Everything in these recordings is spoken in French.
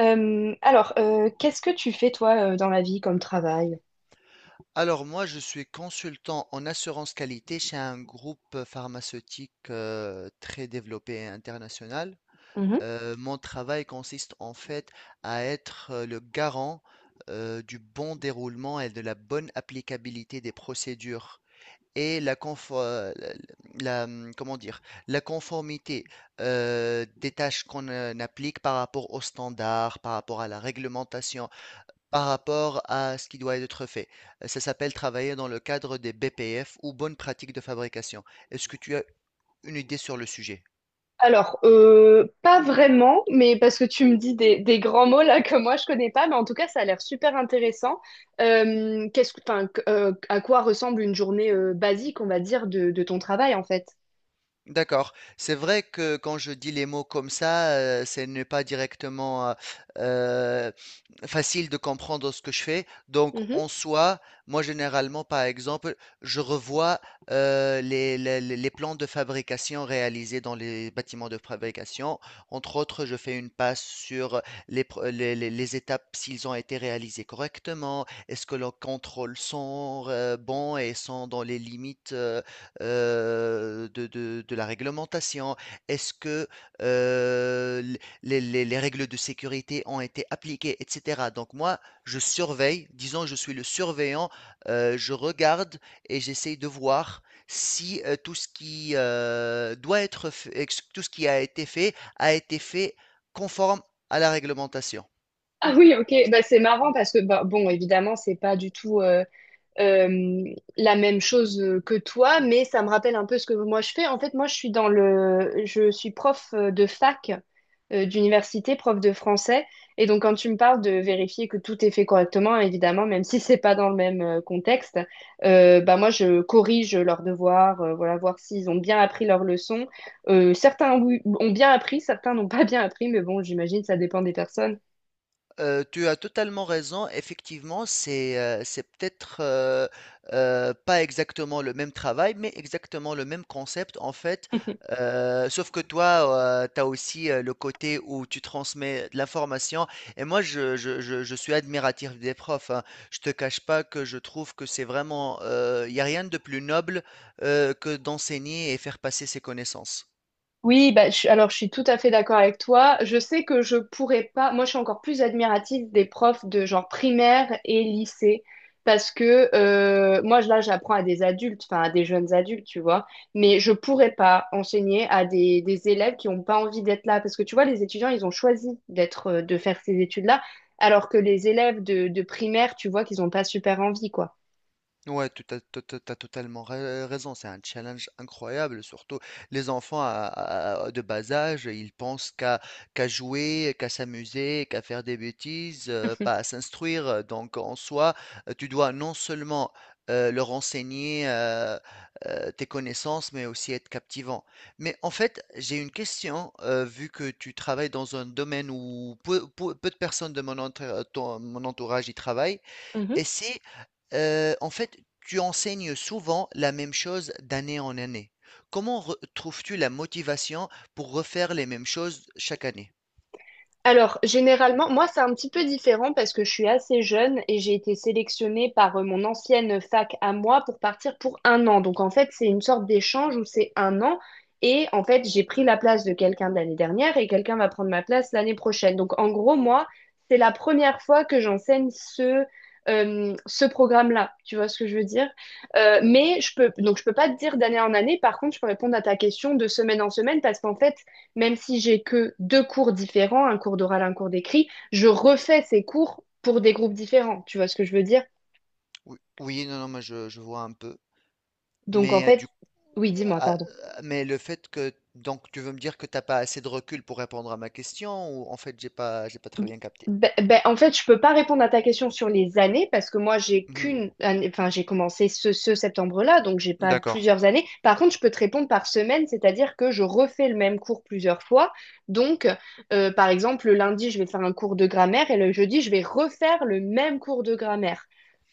Qu'est-ce que tu fais toi dans la vie comme travail? Alors moi, je suis consultant en assurance qualité chez un groupe pharmaceutique très développé et international. Mhm. Mon travail consiste en fait à être le garant du bon déroulement et de la bonne applicabilité des procédures et la, confo- la, la- comment dire, la conformité des tâches qu'on applique par rapport aux standards, par rapport à la réglementation, par rapport à ce qui doit être fait. Ça s'appelle travailler dans le cadre des BPF ou bonnes pratiques de fabrication. Est-ce que tu as une idée sur le sujet? Pas vraiment, mais parce que tu me dis des grands mots là que moi je connais pas, mais en tout cas ça a l'air super intéressant. Qu'est-ce que, enfin, que- À quoi ressemble une journée basique, on va dire, de ton travail en fait? D'accord. C'est vrai que quand je dis les mots comme ça, ce n'est pas directement euh, facile de comprendre ce que je fais. Donc, Mhm. en soi, moi, généralement, par exemple, je revois les plans de fabrication réalisés dans les bâtiments de fabrication. Entre autres, je fais une passe sur les, pro- les étapes, s'ils ont été réalisés correctement, est-ce que leurs contrôles sont bons et sont dans les limites. De la réglementation. Est-ce que, heu, les règles de sécurité ont été appliquées et cetera? Donc moi, je surveille, disons je suis le surveillant, je regarde et j'essaye de voir si, tout ce qui, doit être f ex tout ce qui a été fait conforme à la réglementation. Ah oui, ok. Bah, c'est marrant parce que bah, bon, évidemment, c'est pas du tout. Euh, la même chose que toi, mais ça me rappelle un peu ce que moi je fais. En fait, moi, je suis prof de fac d'université, prof de français. Et donc, quand tu me parles de vérifier que tout est fait correctement, évidemment, même si c'est pas dans le même contexte, bah moi, je corrige leurs devoirs, voilà, voir s'ils ont bien appris leurs leçons. Certains oui, ont bien appris, certains n'ont pas bien appris, mais bon, j'imagine ça dépend des personnes. Tu as totalement raison. Effectivement, c'est peut-être pas exactement le même travail, mais exactement le même concept en fait. Sauf que toi, tu as aussi le côté où tu transmets de l'information. Et moi, je suis admiratif des profs, hein. Je te cache pas que je trouve que c'est vraiment, il n'y a rien de plus noble que d'enseigner et faire passer ses connaissances. Oui, bah, alors je suis tout à fait d'accord avec toi. Je sais que je pourrais pas. Moi, je suis encore plus admirative des profs de genre primaire et lycée parce que moi, là, j'apprends à des adultes, enfin à des jeunes adultes, tu vois. Mais je pourrais pas enseigner à des élèves qui ont pas envie d'être là parce que tu vois, les étudiants, ils ont choisi d'être, de faire ces études-là, alors que les élèves de primaire, tu vois, qu'ils ont pas super envie, quoi. Ouais, tu as totalement raison, c'est un challenge incroyable, surtout les enfants de bas âge, ils pensent qu'à jouer, qu'à s'amuser, qu'à faire des bêtises, pas à s'instruire. Donc en soi, tu dois non seulement leur enseigner tes connaissances, mais aussi être captivant. Mais en fait, j'ai une question, vu que tu travailles dans un domaine où peu de personnes de mon entourage y travaillent. Et c'est, en fait, tu enseignes souvent la même chose d'année en année. Comment re trouves-tu la motivation pour refaire les mêmes choses chaque année? Alors, généralement, moi, c'est un petit peu différent parce que je suis assez jeune et j'ai été sélectionnée par mon ancienne fac à moi pour partir pour un an. Donc, en fait, c'est une sorte d'échange où c'est un an et en fait, j'ai pris la place de quelqu'un de l'année dernière et quelqu'un va prendre ma place l'année prochaine. Donc, en gros, moi, c'est la première fois que j'enseigne ce programme-là. Tu vois ce que je veux dire? Mais je peux, donc, je peux pas te dire d'année en année. Par contre, je peux répondre à ta question de semaine en semaine parce qu'en fait, même si j'ai que deux cours différents, un cours d'oral, un cours d'écrit, je refais ces cours pour des groupes différents. Tu vois ce que je veux dire? Ou oui, non, non, mais je vois un peu, Donc en mais fait, du coup, oui, dis-moi, pardon. Mais le fait que donc tu veux me dire que t'as pas assez de recul pour répondre à ma question ou en fait, j'ai pas très bien capté? Ben, ben, en fait, je peux pas répondre à ta question sur les années parce que moi, j'ai Mmh. qu'une année, enfin, j'ai commencé ce septembre-là, donc j'ai pas D'accord, plusieurs années. Par contre, je peux te répondre par semaine, c'est-à-dire que je refais le même cours plusieurs fois. Donc, par exemple, le lundi, je vais faire un cours de grammaire et le jeudi, je vais refaire le même cours de grammaire.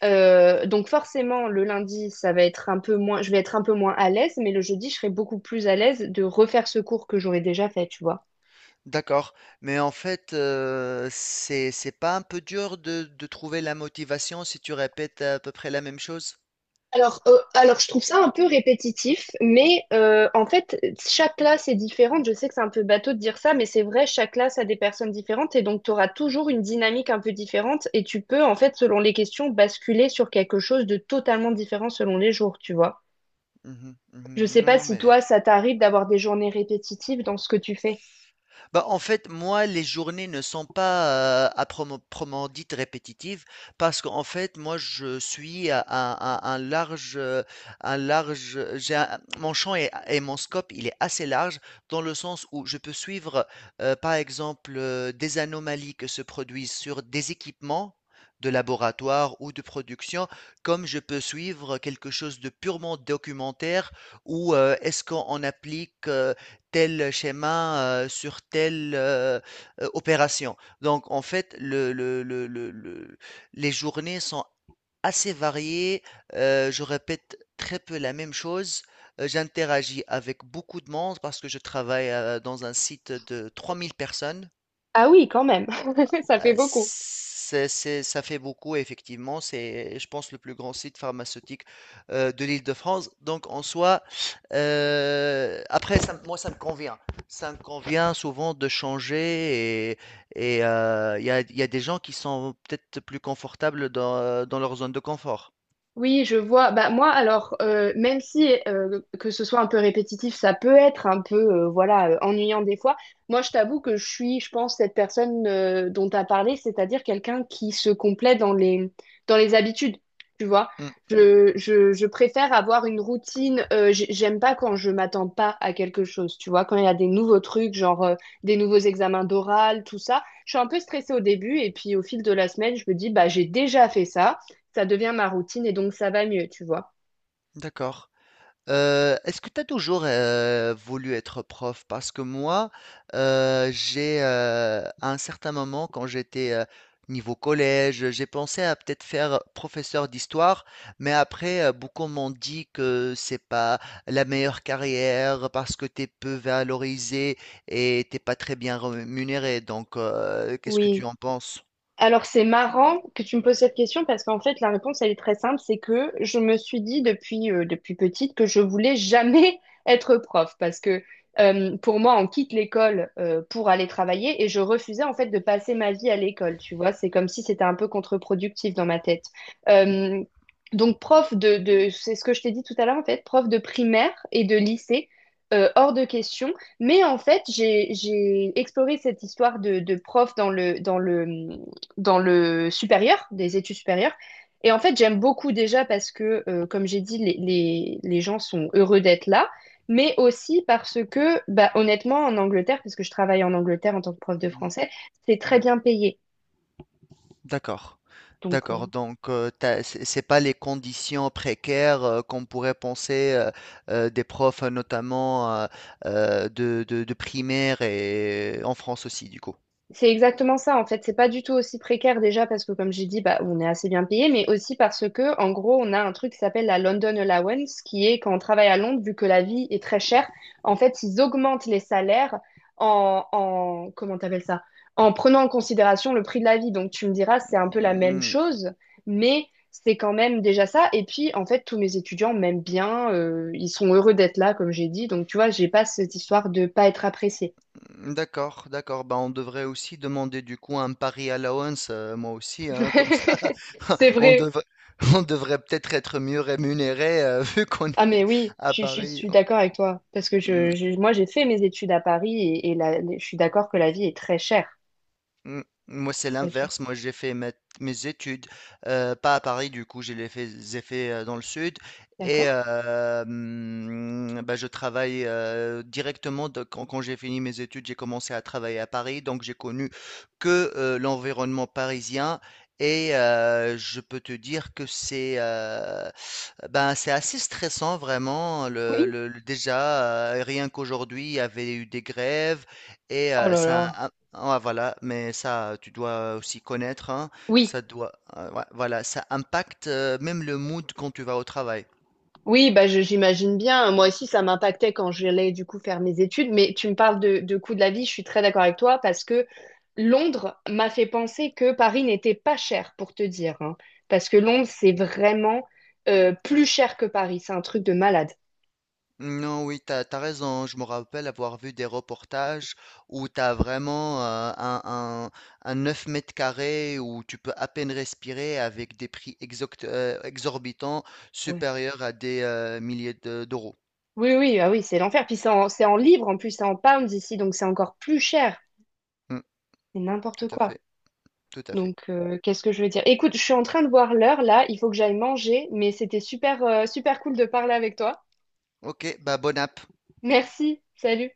Donc forcément, le lundi, ça va être un peu moins, je vais être un peu moins à l'aise, mais le jeudi, je serai beaucoup plus à l'aise de refaire ce cours que j'aurais déjà fait, tu vois. d'accord. Mais en fait, c'est pas un peu dur de trouver la motivation si tu répètes à peu près la même chose? Alors, je trouve ça un peu répétitif, mais en fait, chaque classe est différente. Je sais que c'est un peu bateau de dire ça, mais c'est vrai, chaque classe a des personnes différentes et donc tu auras toujours une dynamique un peu différente et tu peux, en fait, selon les questions, basculer sur quelque chose de totalement différent selon les jours, tu vois. Mhm, Je mhm. sais Non, pas non. si mais toi, ça t'arrive d'avoir des journées répétitives dans ce que tu fais. Bah, en fait, moi, les journées ne sont pas, à promo proprement dites répétitives parce qu'en fait, moi, je suis à un large, j'ai un mon champ et mon scope, il est assez large dans le sens où je peux suivre, par exemple, des anomalies que se produisent sur des équipements de laboratoire ou de production, comme je peux suivre quelque chose de purement documentaire ou est-ce qu'on applique, tel schéma, sur telle, opération. Donc en fait, le les journées sont assez variées, je répète très peu la même chose, j'interagis avec beaucoup de monde parce que je travaille, dans un site de 3 000 personnes. Ah oui, quand même, ça fait beaucoup. Ça fait beaucoup, effectivement. C'est, je pense, le plus grand site pharmaceutique de l'Île-de-France. Donc, en soi, après, moi, ça me convient. Ça me convient souvent de changer. Il y a des gens qui sont peut-être plus confortables dans leur zone de confort. Oui, je vois. Bah moi, alors même si que ce soit un peu répétitif, ça peut être un peu voilà ennuyant des fois. Moi, je t'avoue que je suis, je pense, cette personne dont tu as parlé, c'est-à-dire quelqu'un qui se complaît dans les habitudes. Tu vois, Hmm. Je préfère avoir une routine. J'aime pas quand je m'attends pas à quelque chose. Tu vois, quand il y a des nouveaux trucs, genre des nouveaux examens d'oral, tout ça, je suis un peu stressée au début et puis au fil de la semaine, je me dis bah j'ai déjà fait ça, ça devient ma routine et donc ça va mieux, tu vois. D'accord. Est-ce que tu as toujours, voulu être prof? Parce que moi, à un certain moment quand j'étais, niveau collège, j'ai pensé à peut-être faire professeur d'histoire, mais après, beaucoup m'ont dit que c'est pas la meilleure carrière parce que tu es peu valorisé et t'es pas très bien rémunéré. Donc, qu'est-ce que tu Oui. en penses? Alors, c'est marrant que tu me poses cette question parce qu'en fait, la réponse, elle est très simple. C'est que je me suis dit depuis petite que je voulais jamais être prof parce que pour moi, on quitte l'école pour aller travailler et je refusais en fait de passer ma vie à l'école. Tu vois, c'est comme si c'était un peu contre-productif dans ma tête. Euh, donc, c'est ce que je t'ai dit tout à l'heure en fait, prof de primaire et de lycée. Hors de question, mais en fait j'ai exploré cette histoire de prof dans le dans le supérieur, des études supérieures. Et en fait, j'aime beaucoup déjà parce que, comme j'ai dit, les gens sont heureux d'être là, mais aussi parce que, bah, honnêtement, en Angleterre, parce que je travaille en Angleterre en tant que prof de Mhm, français, c'est très mhm. bien payé. D'accord. Donc, euh. D'accord. Donc, c'est pas les conditions précaires qu'on pourrait penser des profs, notamment de primaire et en France aussi, du coup. C'est exactement ça, en fait. C'est pas du tout aussi précaire déjà parce que, comme j'ai dit, bah, on est assez bien payé, mais aussi parce que, en gros, on a un truc qui s'appelle la London Allowance, qui est quand on travaille à Londres, vu que la vie est très chère, en fait, ils augmentent les salaires en comment t'appelles ça? En prenant en considération le prix de la vie. Donc, tu me diras, c'est un peu la même Mm. chose, mais c'est quand même déjà ça. Et puis, en fait, tous mes étudiants m'aiment bien, ils sont heureux d'être là, comme j'ai dit. Donc, tu vois, j'ai pas cette histoire de pas être appréciée. D'accord, d'accord. Bah, on devrait aussi demander du coup un pari allowance, moi aussi, hein, comme ça, C'est on vrai. devrait, on devrait peut-être être mieux rémunéré vu qu'on est Ah mais oui, à je Paris. suis d'accord avec toi parce que moi j'ai fait mes études à Paris et je suis d'accord que la vie est très chère, Mm. Moi, c'est très chère. l'inverse. Moi, j'ai fait mes études, pas à Paris, du coup, j'ai fait dans le sud. Et D'accord? Bah, je travaille directement, quand j'ai fini mes études, j'ai commencé à travailler à Paris. Donc, j'ai connu que l'environnement parisien. Et je peux te dire que c'est ben, c'est assez stressant, vraiment. Oui. Déjà, rien qu'aujourd'hui, il y avait eu des grèves. Et Oh là ça là. ah voilà, mais ça, tu dois aussi connaître, hein, Oui, ça doit, ouais, voilà, ça impacte même le mood quand tu vas au travail. oui, bah j'imagine bien. Moi aussi ça m'impactait quand j'allais du coup faire mes études, mais tu me parles de coût de la vie, je suis très d'accord avec toi parce que Londres m'a fait penser que Paris n'était pas cher pour te dire, hein. Parce que Londres c'est vraiment plus cher que Paris, c'est un truc de malade. Non, oui, t'as raison, hein. Je me rappelle avoir vu des reportages où t'as vraiment un 9 mètres carrés où tu peux à peine respirer avec des prix exorbitants Ouais. supérieurs à des milliers d'euros. Oui, oui, ah oui, c'est l'enfer. Puis c'est en livres, en plus, c'est en pounds ici, donc c'est encore plus cher. Mm, C'est n'importe tout à quoi. fait, tout à fait. Donc, qu'est-ce que je veux dire? Écoute, je suis en train de voir l'heure là, il faut que j'aille manger, mais c'était super, super cool de parler avec toi. Ok, bah bonne app. Merci, salut.